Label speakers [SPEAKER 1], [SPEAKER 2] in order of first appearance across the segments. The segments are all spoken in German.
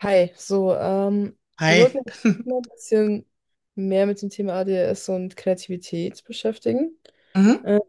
[SPEAKER 1] Hi, so, wir
[SPEAKER 2] Hi.
[SPEAKER 1] wollten uns mal ein bisschen mehr mit dem Thema ADHS und Kreativität beschäftigen.
[SPEAKER 2] Mhm.
[SPEAKER 1] Ähm,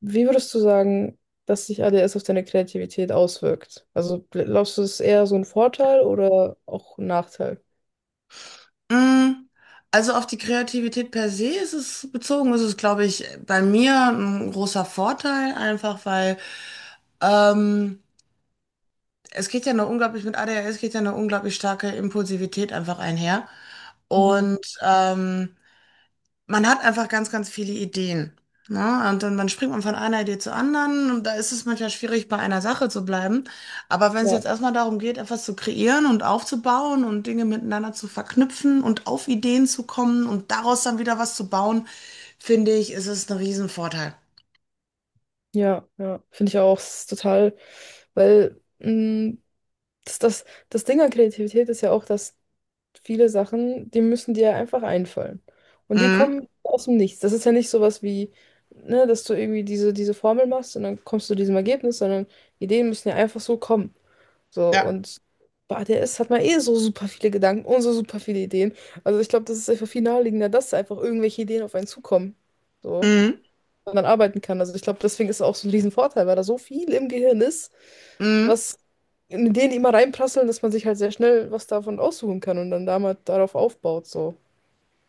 [SPEAKER 1] wie würdest du sagen, dass sich ADHS auf deine Kreativität auswirkt? Also glaubst du, es ist eher so ein Vorteil oder auch ein Nachteil?
[SPEAKER 2] Mm, Also auf die Kreativität per se ist es bezogen, ist es, glaube ich, bei mir ein großer Vorteil, einfach weil ähm, es geht ja eine unglaublich, mit ADHS geht ja eine unglaublich starke Impulsivität einfach einher.
[SPEAKER 1] Mhm.
[SPEAKER 2] Und man hat einfach ganz, ganz viele Ideen. Ne? Und dann springt man von einer Idee zur anderen und da ist es manchmal schwierig, bei einer Sache zu bleiben. Aber wenn es
[SPEAKER 1] Ja,
[SPEAKER 2] jetzt erstmal darum geht, etwas zu kreieren und aufzubauen und Dinge miteinander zu verknüpfen und auf Ideen zu kommen und daraus dann wieder was zu bauen, finde ich, ist es ein Riesenvorteil.
[SPEAKER 1] ja, ja, finde ich auch, es ist total, weil das, das, das Ding an Kreativität ist ja auch, dass viele Sachen, die müssen dir einfach einfallen. Und die
[SPEAKER 2] Mhm.
[SPEAKER 1] kommen aus dem Nichts. Das ist ja nicht sowas wie, ne, dass du irgendwie diese Formel machst und dann kommst du zu diesem Ergebnis, sondern Ideen müssen ja einfach so kommen. So,
[SPEAKER 2] Ja.
[SPEAKER 1] und bei ADS hat man eh so super viele Gedanken und so super viele Ideen. Also ich glaube, das ist einfach viel naheliegender, dass einfach irgendwelche Ideen auf einen zukommen. So,
[SPEAKER 2] Mhm.
[SPEAKER 1] und dann arbeiten kann. Also ich glaube, deswegen ist es auch so ein Riesenvorteil, weil da so viel im Gehirn ist,
[SPEAKER 2] Mhm.
[SPEAKER 1] was in Ideen immer reinprasseln, dass man sich halt sehr schnell was davon aussuchen kann und dann damit darauf aufbaut, so.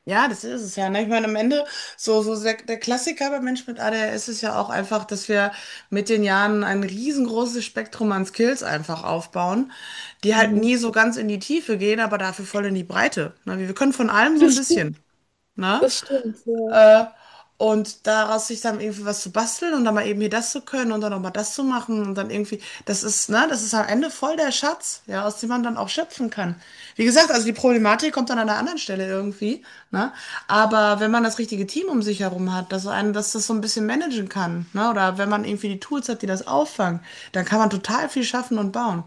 [SPEAKER 2] Ja, das ist es ja. Ne? Ich meine, am Ende, so der Klassiker beim Menschen mit ADHS ist ja auch einfach, dass wir mit den Jahren ein riesengroßes Spektrum an Skills einfach aufbauen, die halt
[SPEAKER 1] Mhm.
[SPEAKER 2] nie so ganz in die Tiefe gehen, aber dafür voll in die Breite. Ne? Wir können von allem so ein
[SPEAKER 1] Das
[SPEAKER 2] bisschen.
[SPEAKER 1] stimmt,
[SPEAKER 2] Ne?
[SPEAKER 1] das stimmt, ja.
[SPEAKER 2] Und daraus sich dann irgendwie was zu basteln und dann mal eben hier das zu können und dann auch mal das zu machen und dann irgendwie, das ist, ne, das ist am Ende voll der Schatz, ja, aus dem man dann auch schöpfen kann. Wie gesagt, also die Problematik kommt dann an einer anderen Stelle irgendwie, ne? Aber wenn man das richtige Team um sich herum hat, dass einen, dass das so ein bisschen managen kann, ne? Oder wenn man irgendwie die Tools hat, die das auffangen, dann kann man total viel schaffen und bauen.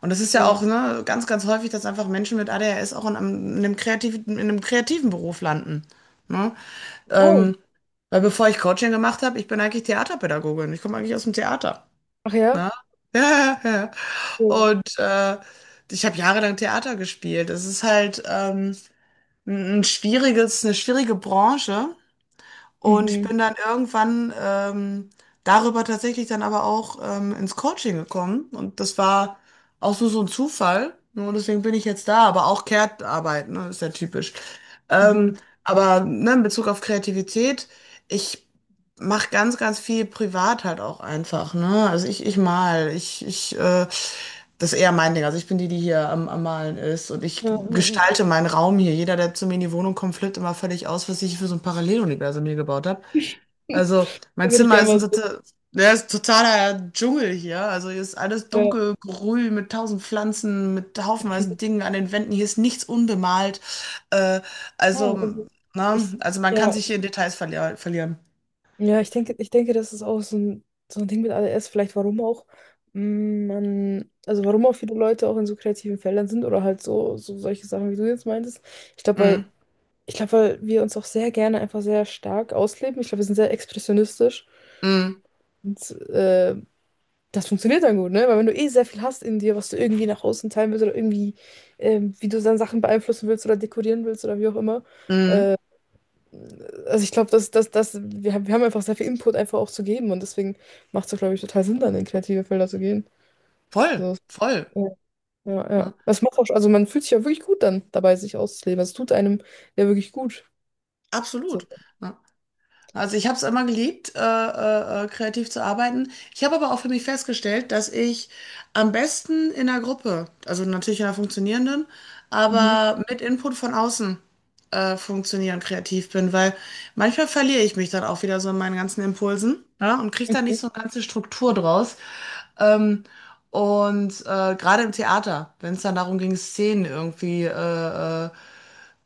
[SPEAKER 2] Und das ist ja
[SPEAKER 1] Ja.
[SPEAKER 2] auch, ne, ganz, ganz häufig, dass einfach Menschen mit ADHS auch in einem kreativen Beruf landen. Ne?
[SPEAKER 1] Total.
[SPEAKER 2] Ähm, weil
[SPEAKER 1] Ja.
[SPEAKER 2] bevor ich Coaching gemacht habe, ich bin eigentlich Theaterpädagogin. Ich komme eigentlich aus dem Theater.
[SPEAKER 1] Ach ja?
[SPEAKER 2] Ne? Ja, ja, ja.
[SPEAKER 1] Cool.
[SPEAKER 2] Und ich habe jahrelang Theater gespielt. Es ist halt eine schwierige Branche. Und ich
[SPEAKER 1] Mhm.
[SPEAKER 2] bin dann irgendwann darüber tatsächlich dann aber auch ins Coaching gekommen. Und das war auch so ein Zufall. Nur deswegen bin ich jetzt da, aber auch Care-Arbeit, ne, ist ja typisch.
[SPEAKER 1] Mhm.
[SPEAKER 2] Ähm, aber ne, in Bezug auf Kreativität, ich mache ganz, ganz viel privat halt auch einfach, ne? Also ich mal, ich, das ist eher mein Ding. Also ich bin die, die hier am Malen ist und ich
[SPEAKER 1] Ja, ja,
[SPEAKER 2] gestalte meinen Raum hier. Jeder, der zu mir in die Wohnung kommt, flippt immer völlig aus, was ich für so ein Paralleluniversum hier gebaut habe.
[SPEAKER 1] ja.
[SPEAKER 2] Also
[SPEAKER 1] Da
[SPEAKER 2] mein
[SPEAKER 1] würde ich
[SPEAKER 2] Zimmer
[SPEAKER 1] gerne
[SPEAKER 2] ist
[SPEAKER 1] mal so,
[SPEAKER 2] ja, ist totaler Dschungel hier. Also hier ist alles
[SPEAKER 1] ja,
[SPEAKER 2] dunkelgrün mit 1.000 Pflanzen, mit
[SPEAKER 1] okay.
[SPEAKER 2] haufenweise Dingen an den Wänden. Hier ist nichts unbemalt. Äh,
[SPEAKER 1] Ja,
[SPEAKER 2] also,
[SPEAKER 1] also
[SPEAKER 2] ne?
[SPEAKER 1] ich,
[SPEAKER 2] Also man kann
[SPEAKER 1] ja,
[SPEAKER 2] sich hier
[SPEAKER 1] ich,
[SPEAKER 2] in Details verlieren.
[SPEAKER 1] ich denke, das ist auch so ein Ding mit ADS, vielleicht warum auch man, also warum auch viele Leute auch in so kreativen Feldern sind oder halt so, so solche Sachen, wie du jetzt meintest. Ich glaube,
[SPEAKER 2] Mhm.
[SPEAKER 1] Ich glaube, weil wir uns auch sehr gerne einfach sehr stark ausleben. Ich glaube, wir sind sehr expressionistisch.
[SPEAKER 2] Mhm.
[SPEAKER 1] Und das funktioniert dann gut, ne? Weil wenn du eh sehr viel hast in dir, was du irgendwie nach außen teilen willst oder irgendwie, wie du dann Sachen beeinflussen willst oder dekorieren willst oder wie auch immer.
[SPEAKER 2] Mhm.
[SPEAKER 1] Also ich glaube, dass wir haben einfach sehr viel Input einfach auch zu geben und deswegen macht es, glaube ich, total Sinn, dann in kreative Felder zu gehen.
[SPEAKER 2] Voll,
[SPEAKER 1] So,
[SPEAKER 2] voll.
[SPEAKER 1] ja, ja, ja.
[SPEAKER 2] Ja,
[SPEAKER 1] Das macht auch, also man fühlt sich ja wirklich gut dann dabei, sich auszuleben. Also es tut einem ja wirklich gut. So.
[SPEAKER 2] absolut. Ja. Also ich habe es immer geliebt, kreativ zu arbeiten. Ich habe aber auch für mich festgestellt, dass ich am besten in einer Gruppe, also natürlich in einer funktionierenden,
[SPEAKER 1] Mhm.
[SPEAKER 2] aber mit Input von außen funktionieren kreativ bin, weil manchmal verliere ich mich dann auch wieder so in meinen ganzen Impulsen, ja, und kriege da nicht
[SPEAKER 1] Okay.
[SPEAKER 2] so eine ganze Struktur draus. Ähm, und gerade im Theater, wenn es dann darum ging, Szenen irgendwie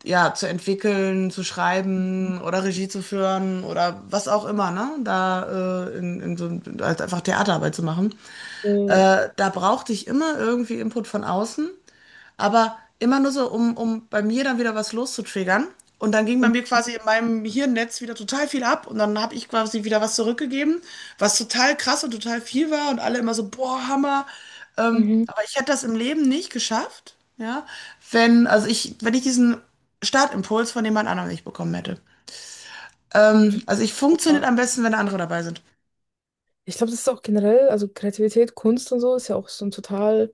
[SPEAKER 2] ja, zu entwickeln, zu schreiben oder Regie zu führen oder was auch immer, ne? Da in so, halt einfach Theaterarbeit zu machen.
[SPEAKER 1] Ja.
[SPEAKER 2] Da brauchte ich immer irgendwie Input von außen. Aber immer nur so, um bei mir dann wieder was loszutriggern. Und dann ging bei mir quasi in meinem Hirnnetz wieder total viel ab und dann habe ich quasi wieder was zurückgegeben, was total krass und total viel war und alle immer so, boah, Hammer.
[SPEAKER 1] Mhm.
[SPEAKER 2] Aber ich hätte das im Leben nicht geschafft, ja, wenn ich diesen Startimpuls von jemand anderem nicht bekommen hätte. Also ich funktioniert
[SPEAKER 1] Ja.
[SPEAKER 2] am besten, wenn andere dabei sind.
[SPEAKER 1] Ich glaube, das ist auch generell, also Kreativität, Kunst und so ist ja auch so ein total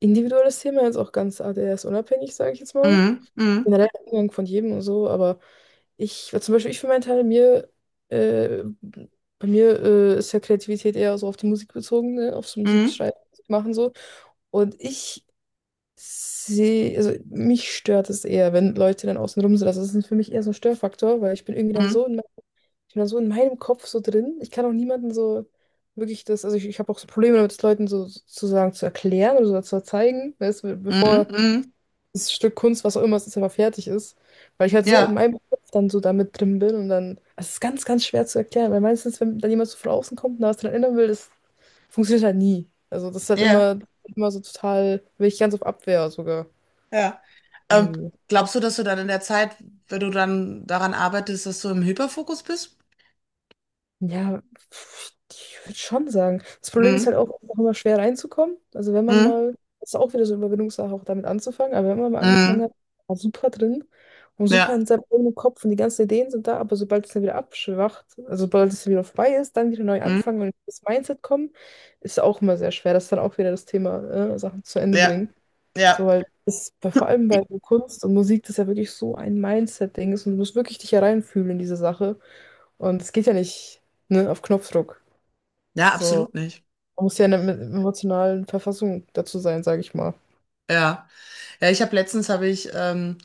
[SPEAKER 1] individuelles Thema, jetzt auch ganz ADHS-unabhängig, sage ich jetzt mal.
[SPEAKER 2] Mhm, mhm,
[SPEAKER 1] Generell der Umgang von jedem und so, aber ich, zum Beispiel ich für meinen Teil, äh, bei mir ist ja Kreativität eher so auf die Musik bezogen, ne? Aufs
[SPEAKER 2] mhm,
[SPEAKER 1] Musikschreiben machen so. Und ich sehe, also mich stört es eher, wenn Leute dann außen rum sind. Also das ist für mich eher so ein Störfaktor, weil ich bin irgendwie dann
[SPEAKER 2] mhm,
[SPEAKER 1] so in ich bin da so in meinem Kopf so drin. Ich kann auch niemanden so wirklich das, also ich habe auch so Probleme damit, es Leuten so sozusagen zu erklären oder so zu zeigen, weißt, du,
[SPEAKER 2] mhm,
[SPEAKER 1] bevor
[SPEAKER 2] mhm.
[SPEAKER 1] das Stück Kunst, was auch immer es ist, einfach fertig ist. Weil ich halt so in
[SPEAKER 2] Ja,
[SPEAKER 1] meinem Kopf dann so damit drin bin und dann, also es ist ganz, ganz schwer zu erklären, weil meistens, wenn dann jemand so von außen kommt und da was dran ändern will, das funktioniert halt nie. Also das ist halt
[SPEAKER 2] ja.
[SPEAKER 1] immer, immer so total, bin ich ganz auf Abwehr sogar
[SPEAKER 2] Ja. Ähm,
[SPEAKER 1] irgendwie.
[SPEAKER 2] glaubst du, dass du dann in der Zeit, wenn du dann daran arbeitest, dass du im Hyperfokus bist?
[SPEAKER 1] Ja, pf, ich würde schon sagen. Das Problem ist
[SPEAKER 2] Mhm.
[SPEAKER 1] halt auch einfach immer schwer reinzukommen. Also wenn man
[SPEAKER 2] Mhm.
[SPEAKER 1] mal, das ist auch wieder so eine Überwindungssache, auch damit anzufangen, aber wenn man mal angefangen
[SPEAKER 2] Mhm.
[SPEAKER 1] hat, war super drin und super
[SPEAKER 2] Ja.
[SPEAKER 1] in seinem eigenen Kopf und die ganzen Ideen sind da, aber sobald es dann wieder abschwacht, also sobald es wieder vorbei ist, dann wieder neu
[SPEAKER 2] Mhm.
[SPEAKER 1] anfangen und ins Mindset kommen, ist auch immer sehr schwer. Das ist dann auch wieder das Thema, Sachen zu Ende
[SPEAKER 2] Ja.
[SPEAKER 1] bringen. So,
[SPEAKER 2] Ja.
[SPEAKER 1] weil es vor allem bei Kunst und Musik, das ja wirklich so ein Mindset-Ding ist und du musst wirklich dich hereinfühlen in diese Sache. Und es geht ja nicht, ne, auf Knopfdruck.
[SPEAKER 2] Ja,
[SPEAKER 1] So,
[SPEAKER 2] absolut nicht.
[SPEAKER 1] man muss ja in der emotionalen Verfassung dazu sein, sage ich mal.
[SPEAKER 2] Ja. Ja, ich habe letztens habe ich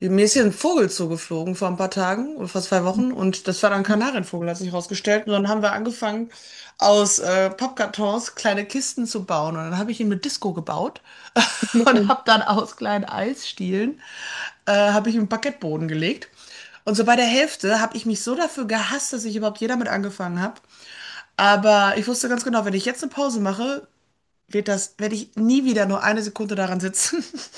[SPEAKER 2] mir ist hier ein Vogel zugeflogen vor ein paar Tagen oder vor 2 Wochen und das war dann ein Kanarienvogel, hat sich rausgestellt. Und dann haben wir angefangen, aus Pappkartons kleine Kisten zu bauen. Und dann habe ich ihn mit Disco gebaut und
[SPEAKER 1] Und
[SPEAKER 2] habe dann aus kleinen Eisstielen habe ich einen Parkettboden gelegt. Und so bei der Hälfte habe ich mich so dafür gehasst, dass ich überhaupt jeder mit angefangen habe. Aber ich wusste ganz genau, wenn ich jetzt eine Pause mache, werde ich nie wieder nur eine Sekunde daran sitzen.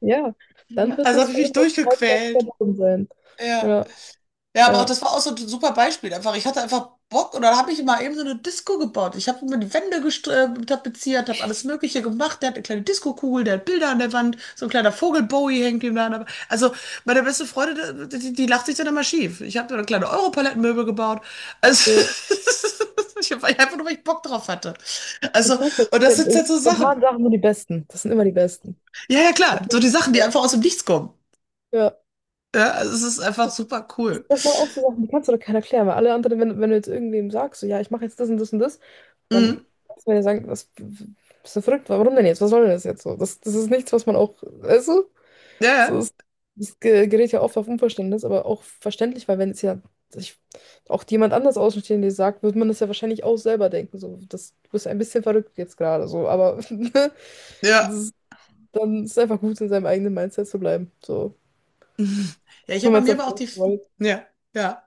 [SPEAKER 1] ja, dann wird
[SPEAKER 2] Also
[SPEAKER 1] das
[SPEAKER 2] habe
[SPEAKER 1] für
[SPEAKER 2] ich mich
[SPEAKER 1] emotional
[SPEAKER 2] durchgequält.
[SPEAKER 1] verloren sein.
[SPEAKER 2] Ja.
[SPEAKER 1] Ja,
[SPEAKER 2] Ja, aber auch
[SPEAKER 1] ja.
[SPEAKER 2] das war auch so ein super Beispiel. Einfach, ich hatte einfach Bock und dann habe ich mal eben so eine Disco gebaut. Ich habe mir die Wände tapeziert, habe alles Mögliche gemacht. Der hat eine kleine Disco-Kugel, der hat Bilder an der Wand, so ein kleiner Vogel Bowie hängt ihm da an der Wand. Also meine beste Freundin, die lacht sich dann immer schief. Ich habe da kleine Europalettenmöbel gebaut. Also
[SPEAKER 1] So,
[SPEAKER 2] ich habe einfach nur, weil ich Bock drauf hatte.
[SPEAKER 1] ich
[SPEAKER 2] Also,
[SPEAKER 1] sag ja,
[SPEAKER 2] und das sind jetzt so Sachen.
[SPEAKER 1] spontan Sachen sind die besten. Das sind immer die besten.
[SPEAKER 2] Ja, ja, klar, so die Sachen, die einfach aus dem Nichts kommen.
[SPEAKER 1] Ja,
[SPEAKER 2] Ja, also es ist einfach super cool.
[SPEAKER 1] das sind aber auch so Sachen, die kannst du doch keiner erklären, weil alle anderen, wenn du jetzt irgendwem sagst, so, ja, ich mache jetzt das und das und das, dann
[SPEAKER 2] Mhm.
[SPEAKER 1] kannst du mir ja sagen, was, bist du verrückt, warum denn jetzt? Was soll denn das jetzt so? Das ist nichts, was man auch, weißt du?
[SPEAKER 2] Ja,
[SPEAKER 1] So,
[SPEAKER 2] ja.
[SPEAKER 1] es gerät ja oft auf Unverständnis, aber auch verständlich, weil wenn es ja sich auch jemand anders Außenstehende sagt, wird man das ja wahrscheinlich auch selber denken. So, das, du bist ein bisschen verrückt jetzt gerade, so, aber ne, das,
[SPEAKER 2] Ja,
[SPEAKER 1] ist- dann ist es einfach gut, in seinem eigenen Mindset zu bleiben. So,
[SPEAKER 2] mhm. Ja, ich habe
[SPEAKER 1] wenn
[SPEAKER 2] bei
[SPEAKER 1] man es
[SPEAKER 2] mir aber auch
[SPEAKER 1] erfolgt,
[SPEAKER 2] die,
[SPEAKER 1] wollte.
[SPEAKER 2] ja, ja.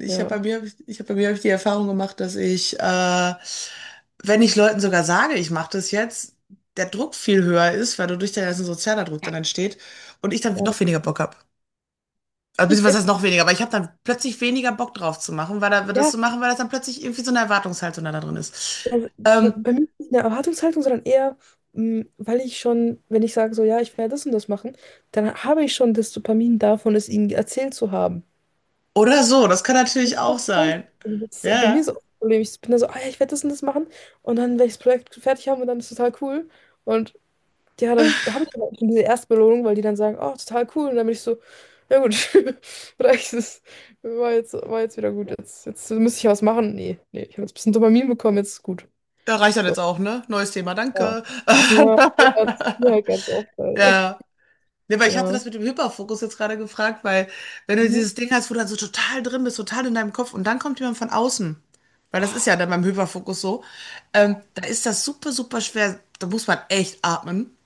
[SPEAKER 1] Ja.
[SPEAKER 2] Ich habe bei mir hab ich die Erfahrung gemacht, dass ich, wenn ich Leuten sogar sage, ich mache das jetzt, der Druck viel höher ist, weil dadurch der ganze sozialer Druck dann entsteht und ich dann
[SPEAKER 1] Ja,
[SPEAKER 2] noch weniger Bock habe. Also beziehungsweise heißt noch weniger, aber ich habe dann plötzlich weniger Bock drauf zu machen, das
[SPEAKER 1] ja,
[SPEAKER 2] zu machen, weil das dann plötzlich irgendwie so eine Erwartungshaltung da drin ist.
[SPEAKER 1] also bei
[SPEAKER 2] Ähm,
[SPEAKER 1] bei mir ist es nicht eine Erwartungshaltung, sondern eher, weil ich schon, wenn ich sage so, ja, ich werde das und das machen, dann habe ich schon das Dopamin davon, es ihnen erzählt zu haben.
[SPEAKER 2] oder so, das kann natürlich auch
[SPEAKER 1] Draufhauen.
[SPEAKER 2] sein.
[SPEAKER 1] Also das, ist
[SPEAKER 2] Ja,
[SPEAKER 1] bei
[SPEAKER 2] ja.
[SPEAKER 1] mir so auch Problem. Ich bin da so, ah ja, ich werde das und das machen. Und dann werde ich das Projekt fertig haben und dann ist es total cool. Und ja, dann habe ich aber schon diese Erstbelohnung, weil die dann sagen, oh, total cool. Und dann bin ich so, ja gut, reicht es. War jetzt wieder gut. Jetzt, jetzt müsste ich was machen. Nee, nee, ich habe jetzt ein bisschen Dopamin bekommen, jetzt ist gut.
[SPEAKER 2] Ja, reicht dann jetzt
[SPEAKER 1] So.
[SPEAKER 2] auch, ne? Neues Thema,
[SPEAKER 1] Ja.
[SPEAKER 2] danke.
[SPEAKER 1] Ja, das ist mir halt ganz oft. Leider.
[SPEAKER 2] Ja. Ne, weil ich hatte
[SPEAKER 1] Ja.
[SPEAKER 2] das mit dem Hyperfokus jetzt gerade gefragt, weil wenn du
[SPEAKER 1] Mhm.
[SPEAKER 2] dieses Ding hast, wo du dann so total drin bist, total in deinem Kopf und dann kommt jemand von außen, weil das ist ja dann beim Hyperfokus so, da ist das super, super schwer, da muss man echt atmen,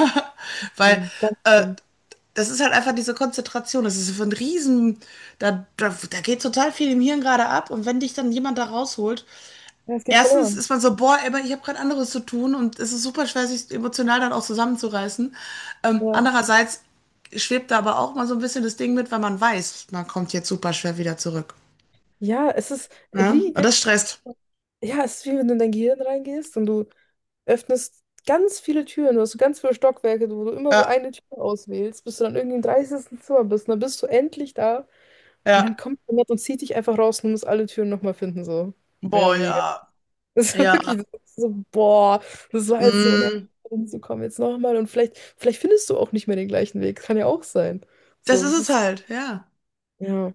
[SPEAKER 2] weil
[SPEAKER 1] Schlimm, ganz
[SPEAKER 2] äh,
[SPEAKER 1] schlimm.
[SPEAKER 2] das ist halt einfach diese Konzentration, das ist so ein Riesen, da geht total viel im Hirn gerade ab und wenn dich dann jemand da rausholt,
[SPEAKER 1] Ja, es geht
[SPEAKER 2] erstens
[SPEAKER 1] verloren.
[SPEAKER 2] ist man so, boah, aber ich habe gerade anderes zu tun und es ist super schwer, sich emotional dann auch zusammenzureißen.
[SPEAKER 1] Ja.
[SPEAKER 2] Andererseits schwebt da aber auch mal so ein bisschen das Ding mit, weil man weiß, man kommt jetzt super schwer wieder zurück.
[SPEAKER 1] Ja, es ist
[SPEAKER 2] Ne?
[SPEAKER 1] wie.
[SPEAKER 2] Und das stresst.
[SPEAKER 1] Ja, es ist wie wenn du in dein Gehirn reingehst und du öffnest ganz viele Türen. Du hast so ganz viele Stockwerke, wo du immer so
[SPEAKER 2] Ja,
[SPEAKER 1] eine Tür auswählst, bis du dann irgendwie im 30. Zimmer bist. Und dann bist du endlich da und dann
[SPEAKER 2] ja,
[SPEAKER 1] kommt jemand und zieht dich einfach raus und du musst alle Türen nochmal finden, so. Mehr oder
[SPEAKER 2] boah,
[SPEAKER 1] weniger.
[SPEAKER 2] ja,
[SPEAKER 1] Das ist wirklich
[SPEAKER 2] ja.
[SPEAKER 1] so, das ist so, boah, das war jetzt so nervig,
[SPEAKER 2] Mm,
[SPEAKER 1] hinzukommen. Jetzt nochmal und vielleicht, vielleicht findest du auch nicht mehr den gleichen Weg. Kann ja auch sein.
[SPEAKER 2] das
[SPEAKER 1] So,
[SPEAKER 2] ist
[SPEAKER 1] es
[SPEAKER 2] es
[SPEAKER 1] ist,
[SPEAKER 2] halt, ja.
[SPEAKER 1] ja,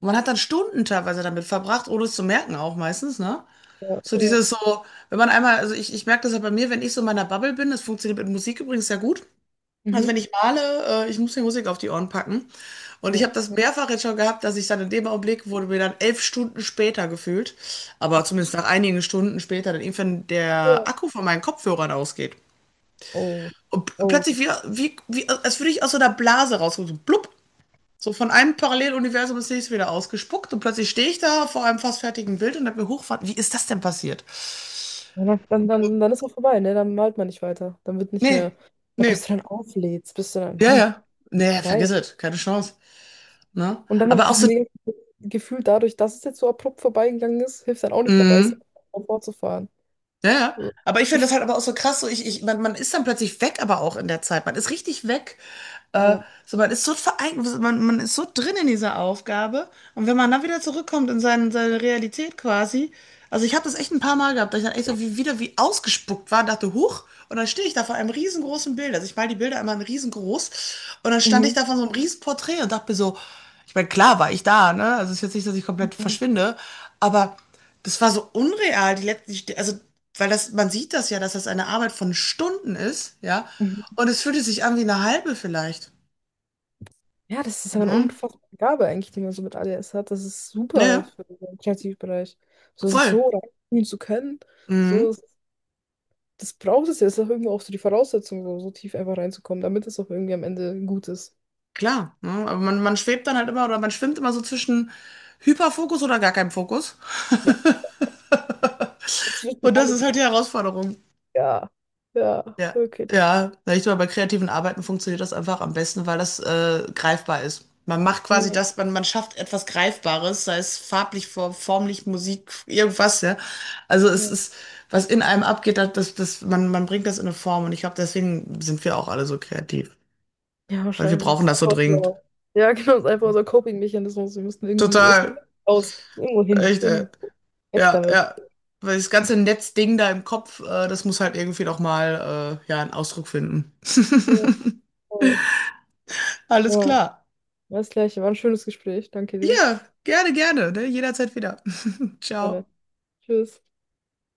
[SPEAKER 2] Man hat dann Stunden teilweise damit verbracht, ohne es zu merken auch meistens, ne?
[SPEAKER 1] ja,
[SPEAKER 2] So
[SPEAKER 1] ja.
[SPEAKER 2] dieses so, wenn man einmal, also ich merke das ja bei mir, wenn ich so in meiner Bubble bin, das funktioniert mit Musik übrigens sehr gut, also
[SPEAKER 1] Mhm.
[SPEAKER 2] wenn ich male, ich muss die Musik auf die Ohren packen. Und ich
[SPEAKER 1] Ja.
[SPEAKER 2] habe das mehrfach jetzt schon gehabt, dass ich dann in dem Augenblick wurde mir dann 11 Stunden später gefühlt, aber
[SPEAKER 1] Ach, das
[SPEAKER 2] zumindest
[SPEAKER 1] stimmt.
[SPEAKER 2] nach einigen Stunden später, dann irgendwann der
[SPEAKER 1] Ja.
[SPEAKER 2] Akku von meinen Kopfhörern ausgeht.
[SPEAKER 1] Oh.
[SPEAKER 2] Und p-
[SPEAKER 1] Oh.
[SPEAKER 2] plötzlich wie als würde ich aus so einer Blase rauskommen, so blub. So von einem Paralleluniversum ins nächste wieder ausgespuckt und plötzlich stehe ich da vor einem fast fertigen Bild und habe mir hochfahren. Wie ist das denn passiert?
[SPEAKER 1] Ja, Dann ist auch vorbei, ne? Dann malt man nicht weiter. Dann wird nicht mehr,
[SPEAKER 2] Nee,
[SPEAKER 1] ja, bis du
[SPEAKER 2] nee.
[SPEAKER 1] dann auflädst, bist du dann,
[SPEAKER 2] Ja,
[SPEAKER 1] nein,
[SPEAKER 2] ja. Nee,
[SPEAKER 1] vorbei.
[SPEAKER 2] vergiss es. Keine Chance. Ne?
[SPEAKER 1] Und dann noch
[SPEAKER 2] Aber auch
[SPEAKER 1] dieses
[SPEAKER 2] so,
[SPEAKER 1] negative Gefühl dadurch, dass es jetzt so abrupt vorbeigegangen ist, hilft dann auch nicht dabei, es
[SPEAKER 2] mm,
[SPEAKER 1] fortzufahren.
[SPEAKER 2] ja, ja.
[SPEAKER 1] So,
[SPEAKER 2] Aber ich finde das halt aber auch so krass, so man ist dann plötzlich weg, aber auch in der Zeit. Man ist richtig weg. Äh,
[SPEAKER 1] ja.
[SPEAKER 2] so, man ist so verein, man ist so drin in dieser Aufgabe. Und wenn man dann wieder zurückkommt in seine Realität quasi, also ich habe das echt ein paar Mal gehabt, dass ich dann echt so wieder wie ausgespuckt war und dachte, huch, und dann stehe ich da vor einem riesengroßen Bild. Also ich mal die Bilder immer in riesengroß. Und dann stand ich
[SPEAKER 1] Mhm.
[SPEAKER 2] da vor so einem riesen Porträt und dachte mir so, ich meine, klar war ich da, ne? Also es ist jetzt nicht, dass ich komplett
[SPEAKER 1] Mhm.
[SPEAKER 2] verschwinde, aber das war so unreal, die letzten, also, weil das, man sieht das ja, dass das eine Arbeit von Stunden ist, ja?
[SPEAKER 1] Mhm.
[SPEAKER 2] Und es fühlte sich an wie eine halbe vielleicht.
[SPEAKER 1] Ja, das ist aber eine
[SPEAKER 2] Ne?
[SPEAKER 1] unfassbare Gabe eigentlich, die man so mit ADS hat. Das ist super
[SPEAKER 2] Ja,
[SPEAKER 1] halt
[SPEAKER 2] ja,
[SPEAKER 1] für den Kreativbereich. So sich
[SPEAKER 2] voll.
[SPEAKER 1] so reinziehen zu können, so,
[SPEAKER 2] Mhm,
[SPEAKER 1] das braucht es ja. Das ist auch irgendwie auch so die Voraussetzung, so, so tief einfach reinzukommen, damit es auch irgendwie am Ende gut ist.
[SPEAKER 2] klar. Ne? Aber man schwebt dann halt immer oder man schwimmt immer so zwischen Hyperfokus oder gar keinem Fokus.
[SPEAKER 1] Dazwischen
[SPEAKER 2] Und das ist
[SPEAKER 1] alles
[SPEAKER 2] halt
[SPEAKER 1] geil.
[SPEAKER 2] die Herausforderung.
[SPEAKER 1] Ja, ja,
[SPEAKER 2] Ja,
[SPEAKER 1] wirklich.
[SPEAKER 2] ja. Na, ich glaube, bei kreativen Arbeiten funktioniert das einfach am besten, weil das greifbar ist. Man macht quasi
[SPEAKER 1] Nee,
[SPEAKER 2] das, man schafft etwas Greifbares, sei es farblich, formlich, Musik, irgendwas, ja. Also es
[SPEAKER 1] nee.
[SPEAKER 2] ist, was in einem abgeht, man bringt das in eine Form und ich glaube, deswegen sind wir auch alle so kreativ.
[SPEAKER 1] Ja,
[SPEAKER 2] Weil wir
[SPEAKER 1] wahrscheinlich.
[SPEAKER 2] brauchen
[SPEAKER 1] Ist
[SPEAKER 2] das so
[SPEAKER 1] einfach
[SPEAKER 2] dringend.
[SPEAKER 1] so. Ja, genau, ist einfach unser Coping-Mechanismus. Wir müssen irgendwie, es muss
[SPEAKER 2] Total.
[SPEAKER 1] raus, es muss irgendwo hin,
[SPEAKER 2] Echt, ey.
[SPEAKER 1] irgendwo weg
[SPEAKER 2] Ja,
[SPEAKER 1] damit.
[SPEAKER 2] ja. Weil das ganze Netzding da im Kopf, das muss halt irgendwie noch mal ja, einen Ausdruck finden.
[SPEAKER 1] Ja, voll.
[SPEAKER 2] Alles
[SPEAKER 1] Ja,
[SPEAKER 2] klar.
[SPEAKER 1] das Gleiche. War ein schönes Gespräch. Danke dir.
[SPEAKER 2] Ja, gerne, gerne. Ne? Jederzeit wieder.
[SPEAKER 1] Freunde.
[SPEAKER 2] Ciao.
[SPEAKER 1] Tschüss.